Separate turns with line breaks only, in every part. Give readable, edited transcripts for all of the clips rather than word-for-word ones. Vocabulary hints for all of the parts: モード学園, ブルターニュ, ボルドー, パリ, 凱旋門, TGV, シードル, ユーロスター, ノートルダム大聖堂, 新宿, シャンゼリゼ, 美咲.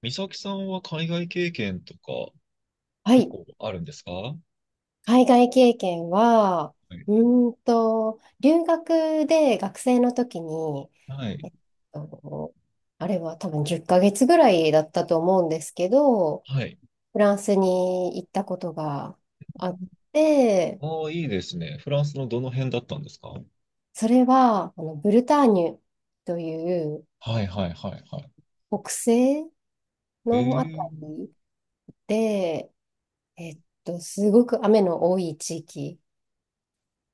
美咲さんは海外経験とか
は
結
い。
構あるんですか？は
海外経験は、
い。
う留学で学生の時に、
は
え
い。
っと、あれは多分10ヶ月ぐらいだったと思うんですけど、
はい。
フランスに行ったことがあって、
ああ、いいですね。フランスのどの辺だったんですか？
それは、ブルターニュという
はいはいはいはい。
北西
え
のあた
え。
りで、すごく雨の多い地域。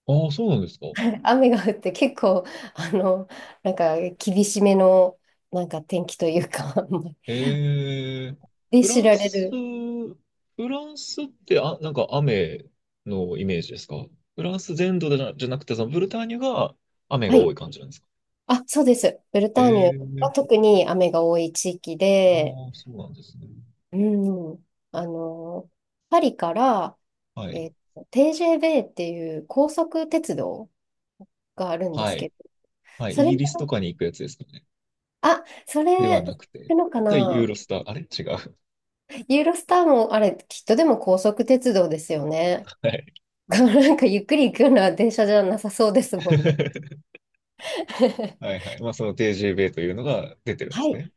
ああ、そうなんですか。
雨が降って結構、あの、なんか厳しめの、なんか天気というか
ええ。
で
フ
知
ラン
られ
ス、
る。
フランスってなんか雨のイメージですか？フランス全土でなじゃなくて、そのブルターニュが雨
は
が多
い。
い感じなんですか？
あ、そうです。ブルターニュ
え
は
え。
特に雨が多い地域
あ
で、
あ、そうなんですね。
うん、パリから、
はい。
t ベ v っていう高速鉄道があるんで
は
す
い。
けど、
はい。
そ
イ
れ
ギ
が、
リスとかに行くやつですかね。
あ、そ
では
れ、行
なくて、
くのか
ユー
な。
ロスター、あれ違う。
ユーロスターも、あれ、きっとでも高速鉄道ですよ ね。
はい。
なんかゆっくり行くような電車じゃなさそうですもんね。
はい はい。まあ、その TGV というのが出てるんで
は
す
い、
ね。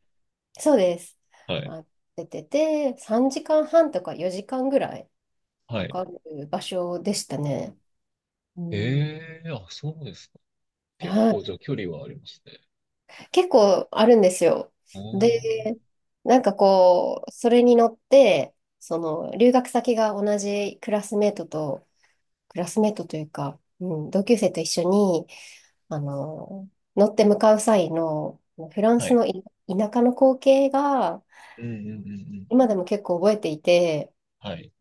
そうです。
はい。
あ、出てて、3時間半とか4時間ぐらい
は
か
い。
かる場所でしたね。うん、
ええー、あ、そうですか。結
は
構、じ
い、
ゃあ距離はありますね。
結構あるんですよ。
あ
で、
あ。
なんかこう、それに乗って、その留学先が同じクラスメートと、クラスメートというか、うん、同級生と一緒に、あの、乗って向かう際のフラン
は
ス
い。
の田舎の光景が
うんうんうんうん。
今でも結構覚えていて、
はい。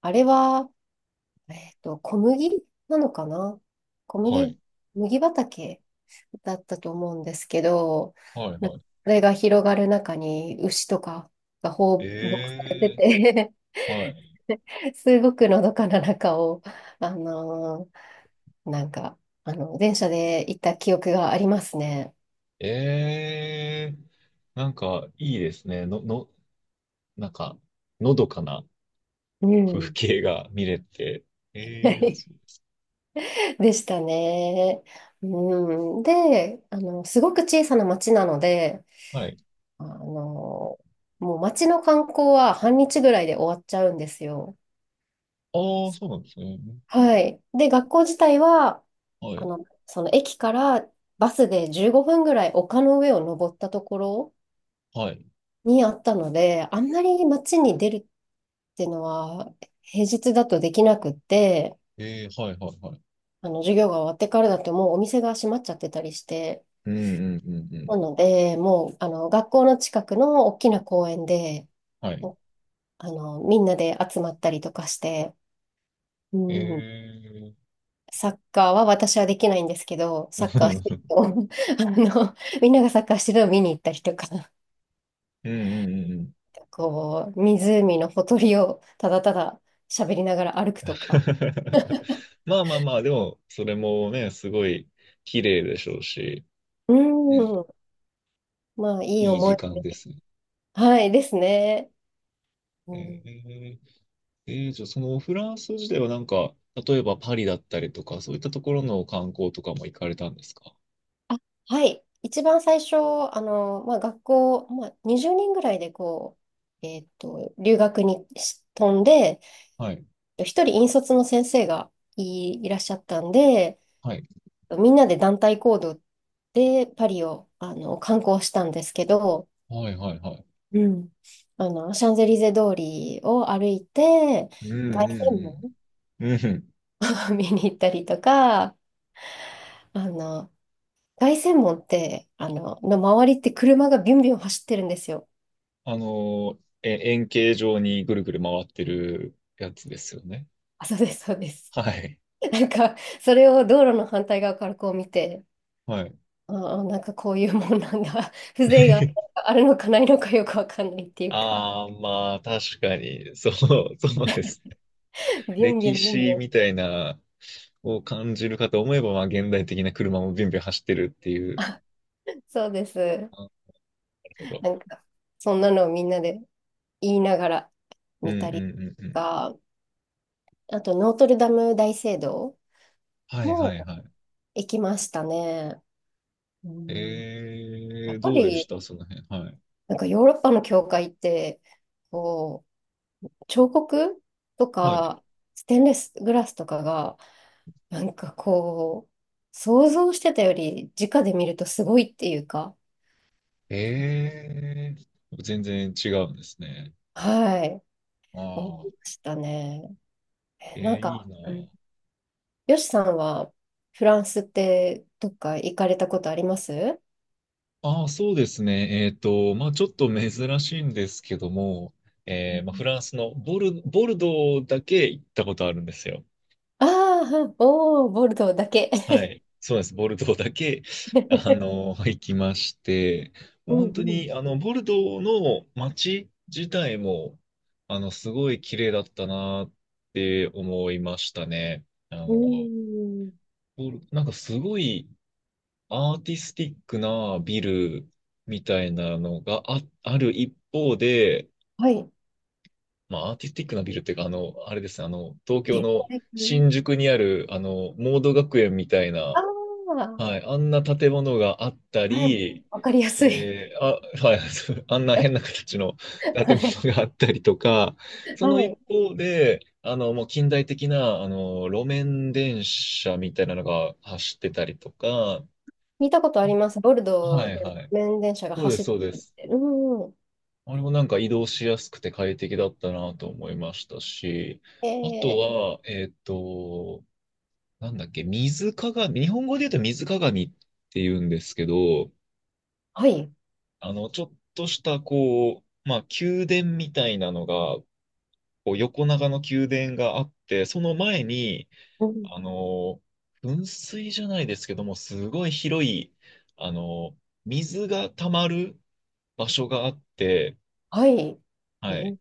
あれは、小麦なのかな、小
は
麦、
い。
麦畑だったと思うんですけど、
はい
なそ
はい。
れが広がる中に牛とかが放牧されて
ええ
て
ー、はい。
すごくのどかな中を、あのなんか、電車で行った記憶がありますね。
ええー、なんか、いいですね。なんか、のどかな
う
風
ん。
景が見れて。ええー、あ、そう です。
でしたね。うん、で、すごく小さな町なので、
はい。
あの、もう町の観光は半日ぐらいで終わっちゃうんですよ。
ああ、そうなんですね。
はい。で、学校自体は、
はい。
その駅からバスで15分ぐらい丘の上を登ったところ
はい。
にあったので、あんまり街に出るっていうのは平日だとできなくって、
えー、はいはいはい。
授業が終わってからだともうお店が閉まっちゃってたりして、
うんうんうんうん。
なので、もう、学校の近くの大きな公園で、
はい。
もうあの、みんなで集まったりとかして、
え
うん、
ー、
サッカーは私はできないんですけど、サッカーしてる と、みんながサッカーしてるのを見に行ったりとか、
うんうんうんうん。
こう、湖のほとりをただただ喋りながら歩くとか、
まあまあまあ、でも、それもね、すごい綺麗でしょうし、
う
ね、
ん、まあ、いい
いい
思
時
い、
間ですね。
はい、ですね。う
え
ん。
ー、じゃあ、そのフランス自体はなんか、例えばパリだったりとか、そういったところの観光とかも行かれたんですか？
あ、はい。一番最初、まあ、学校、まあ、20人ぐらいでこう、留学に飛んで、
はい。
一人引率の先生がいらっしゃったんで、
はい。
みんなで団体行動でパリを、観光したんですけど、
はいはいはい。
うん。シャンゼリゼ通りを歩いて、
うんう
凱旋門を
んうん。うん。
見に行ったりとか、あの、凱旋門って、の周りって車がビュンビュン走ってるんですよ。
あの、円形状にぐるぐる回ってるやつですよね。
あ、そうです、そうです。
はい。
なんか、それを道路の反対側からこう見て、
はい。
ああ、なんかこういうもんなんだ。風情が あるのかないのかよくわかんないっていうか、
ああ、まあ、確かに、そう、そうです。
ビュンビュ
歴
ンビュンビ
史
ュン。
みたいな、を感じるかと思えば、まあ、現代的な車もビュンビュン走ってるっていう。
そうです。
あ、なるほど。
なんか、そんなのをみんなで言いながら
うん
見
う
た
んう
りと
んうん。
か、あと、ノートルダム大聖堂
はいはい
も
はい。
行きましたね。うん、や
え
っ
ー、
ぱ
どうでし
り、
たその辺。はい。
なんかヨーロッパの教会って、こう、彫刻と
はい。
か、ステンレスグラスとかが、なんかこう、想像してたより直で見るとすごいっていうか、
えー、全然違うんですね。
はい、思い
ああ、
ましたね。
えー、
なん
いい
か、
な。
うん、よしさんはフランスってどっか行かれたことあります？
ああ、そうですね。まあ、ちょっと珍しいんですけども、まあ、フランスのボルドーだけ行ったことあるんですよ。
ああー、はい、おー、ボルドーだけ。
は い。そうです。ボルドーだけ、あの、行きまして、も
う
う本当
ん
に、あの、ボルドーの街自体も、あの、すごい綺麗だったなって思いましたね。あ
う
の、
ん。うーん。
なんかすごいアーティスティックなビルみたいなのがある一方で、
はい。
まあ、アーティスティックなビルっていうか、あの、あれですね、あの、東京
現
の
代風
新宿にある、あの、モード学園みたいな、
ああー、
はい、あんな建物があった
はい。
り、
わかりやすい。
あ、はい、あんな変な形の
は
建
い。
物があったりとか、その
は
一
い。
方で、あの、もう近代的な、あの、路面電車みたいなのが走ってたりとか、
聞いたことあり
あ、
ます。ボルド
は
ー
い、
で
はい。
路面電車が
そうで
走
す、
っ
そうで
てるっ
す。
て。うん。
あれもなんか移動しやすくて快適だったなと思いましたし、あと
ええ、
は、なんだっけ、水鏡、日本語で言うと水鏡って言うんですけど、
はい。
あの、ちょっとした、こう、まあ、宮殿みたいなのが、こう横長の宮殿があって、その前に、
うん。
あの、噴水じゃないですけども、すごい広い、あの、水が溜まる場所があって、
はい。え
はい。
ー、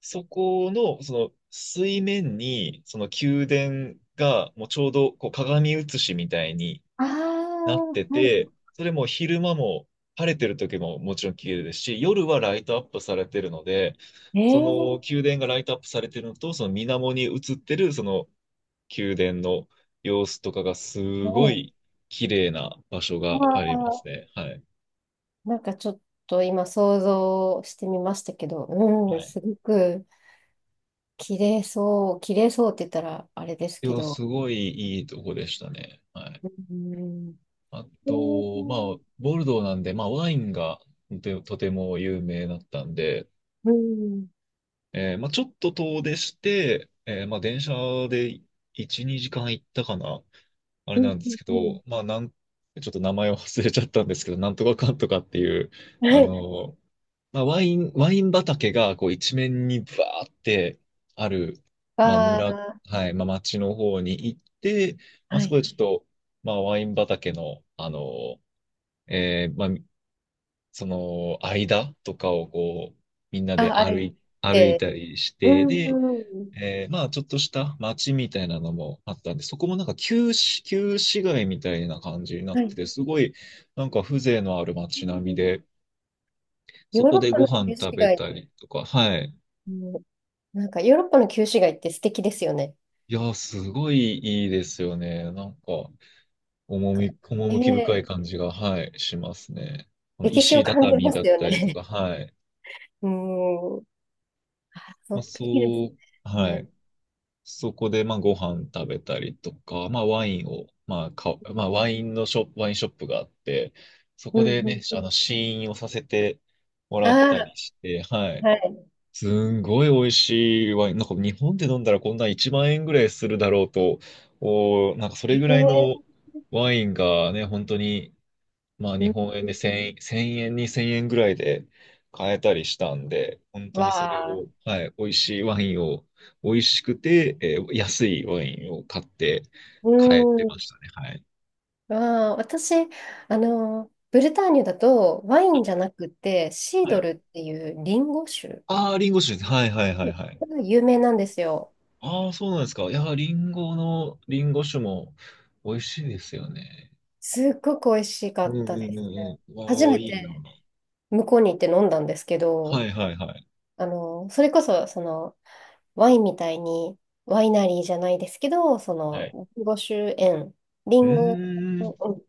そこの、その水面に、その宮殿が、もうちょうどこう鏡写しみたいに
ああ
なって
ー、は
て、それも昼間も晴れてる時ももちろん綺麗ですし、夜はライトアップされてるので、
い。え
その
ー、
宮殿がライトアップされてるのと、その水面に映ってるその宮殿の様子とかがす
は
ご
い。
い綺麗な場所があ
あ
ります
あ、
ね。はい。
なんかちょっと今想像してみましたけど、
は
うん、
い。
すごく綺麗そう、綺麗そうって言ったらあれです
い
け
や、
ど、
すごいいいとこでしたね。はい。
うん、
あ
え、
と、まあ、ボルドーなんで、まあ、ワインがとても有名だったんで、
うん、うん、
まあ、ちょっと遠出して、まあ、電車で1、2時間行ったかな、あれ
うん、
なんですけ
うん、
ど、まあ、ちょっと名前を忘れちゃったんですけど、なんとかかんとかっていう、あ
はい、
の、まあ、ワイン畑がこう一面にバーってある、まあ、
あ
村、
ー、
はい、まあ、町の方に行って、まあ、
は
そこ
い、
でちょっと、まあ、ワイン畑の、あの、まあ、その間とかをこう、みんなで
あ、あれっ
歩い
て、
たりし
う
て、
ん、
で、
うん、
まあ、ちょっとした街みたいなのもあったんで、そこもなんか旧市街みたいな感じになっ
は
て
い、
て、すごいなんか風情のある街並みで、
ヨ
そ
ー
こ
ロッ
で
パ
ご
の
飯
旧市
食べ
街、
たりとか、はい。
なんかヨーロッパの旧市街って素敵ですよね。
いやー、すごいいいですよね。なんか、
え
趣深い
ー、
感じが、はい、しますね。この
歴史を
石
感じ
畳
ま
だ
す
っ
よ
たりと
ね。
か、はい。
うーん。そ
ま
っ
あ、
か、いいで
そう、
す
は
ね。
い。そこで、まあ、ご飯食べたりとか、まあ、ワインを、まあ、まあ、ワインショップがあって、そ
う
こ
ん
で
うん
ね、
う
あ
ん。
の、試飲をさせてもらったり
あ
して、は
あ、
い。
はい。
すんごい美味しいワイン。なんか日本で飲んだらこんな1万円ぐらいするだろうと、おー、なんかそれ
え
ぐらいの
ー、
ワインがね、本当にまあ
う
日
ん
本円
う
で
ん、
1000円、1000円、2 0円ぐらいで買えたりしたんで、本当
わ
にそれを、
あ、
はい、美味しいワインを、美味しくて、安いワインを買って
う
帰ってまし
ん。
たね。はい。
わあ、私、ブルターニュだとワインじゃなくてシー
は
ド
い。
ルっていうリンゴ酒
ああ、リンゴ酒です。はいはいはいはい。
が有名なんですよ。
ああ、そうなんですか。いやリンゴ酒も美味しいですよね。
すっごく美味しか
う
っ
んう
たで
んう
す。
んうん。
初
ああ、
め
いいな。
て向こうに行って飲んだんですけ
は
ど、
いはいはい。
それこそ、その、ワインみたいに、ワイナリーじゃないですけど、そ
は
の、
い。
リンゴ酒園、リ
う
ンゴ
ーん。
うん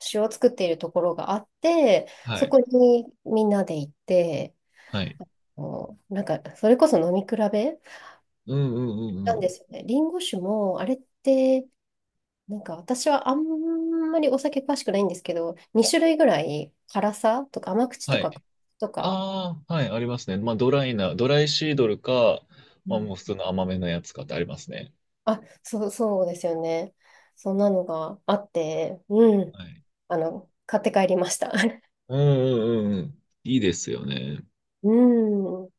酒を作っているところがあって、
は
そ
い。
こにみんなで行って、
はい。
もうなんか、それこそ飲み比べ
うんうんうんう
なん
ん。
ですよね。リンゴ酒も、あれって、なんか私はあんまりお酒詳しくないんですけど、2種類ぐらい辛さとか甘口と
はい。
か、とか、
ああ、はい、ありますね。まあ、ドライシードルか、
う
まあ、
ん、
もう普通の甘めのやつかってありますね。
あ、そう、そうですよね。そんなのがあって、うん。
はい。
買って帰りました。
うんうんうんうん。いいですよね。
うん。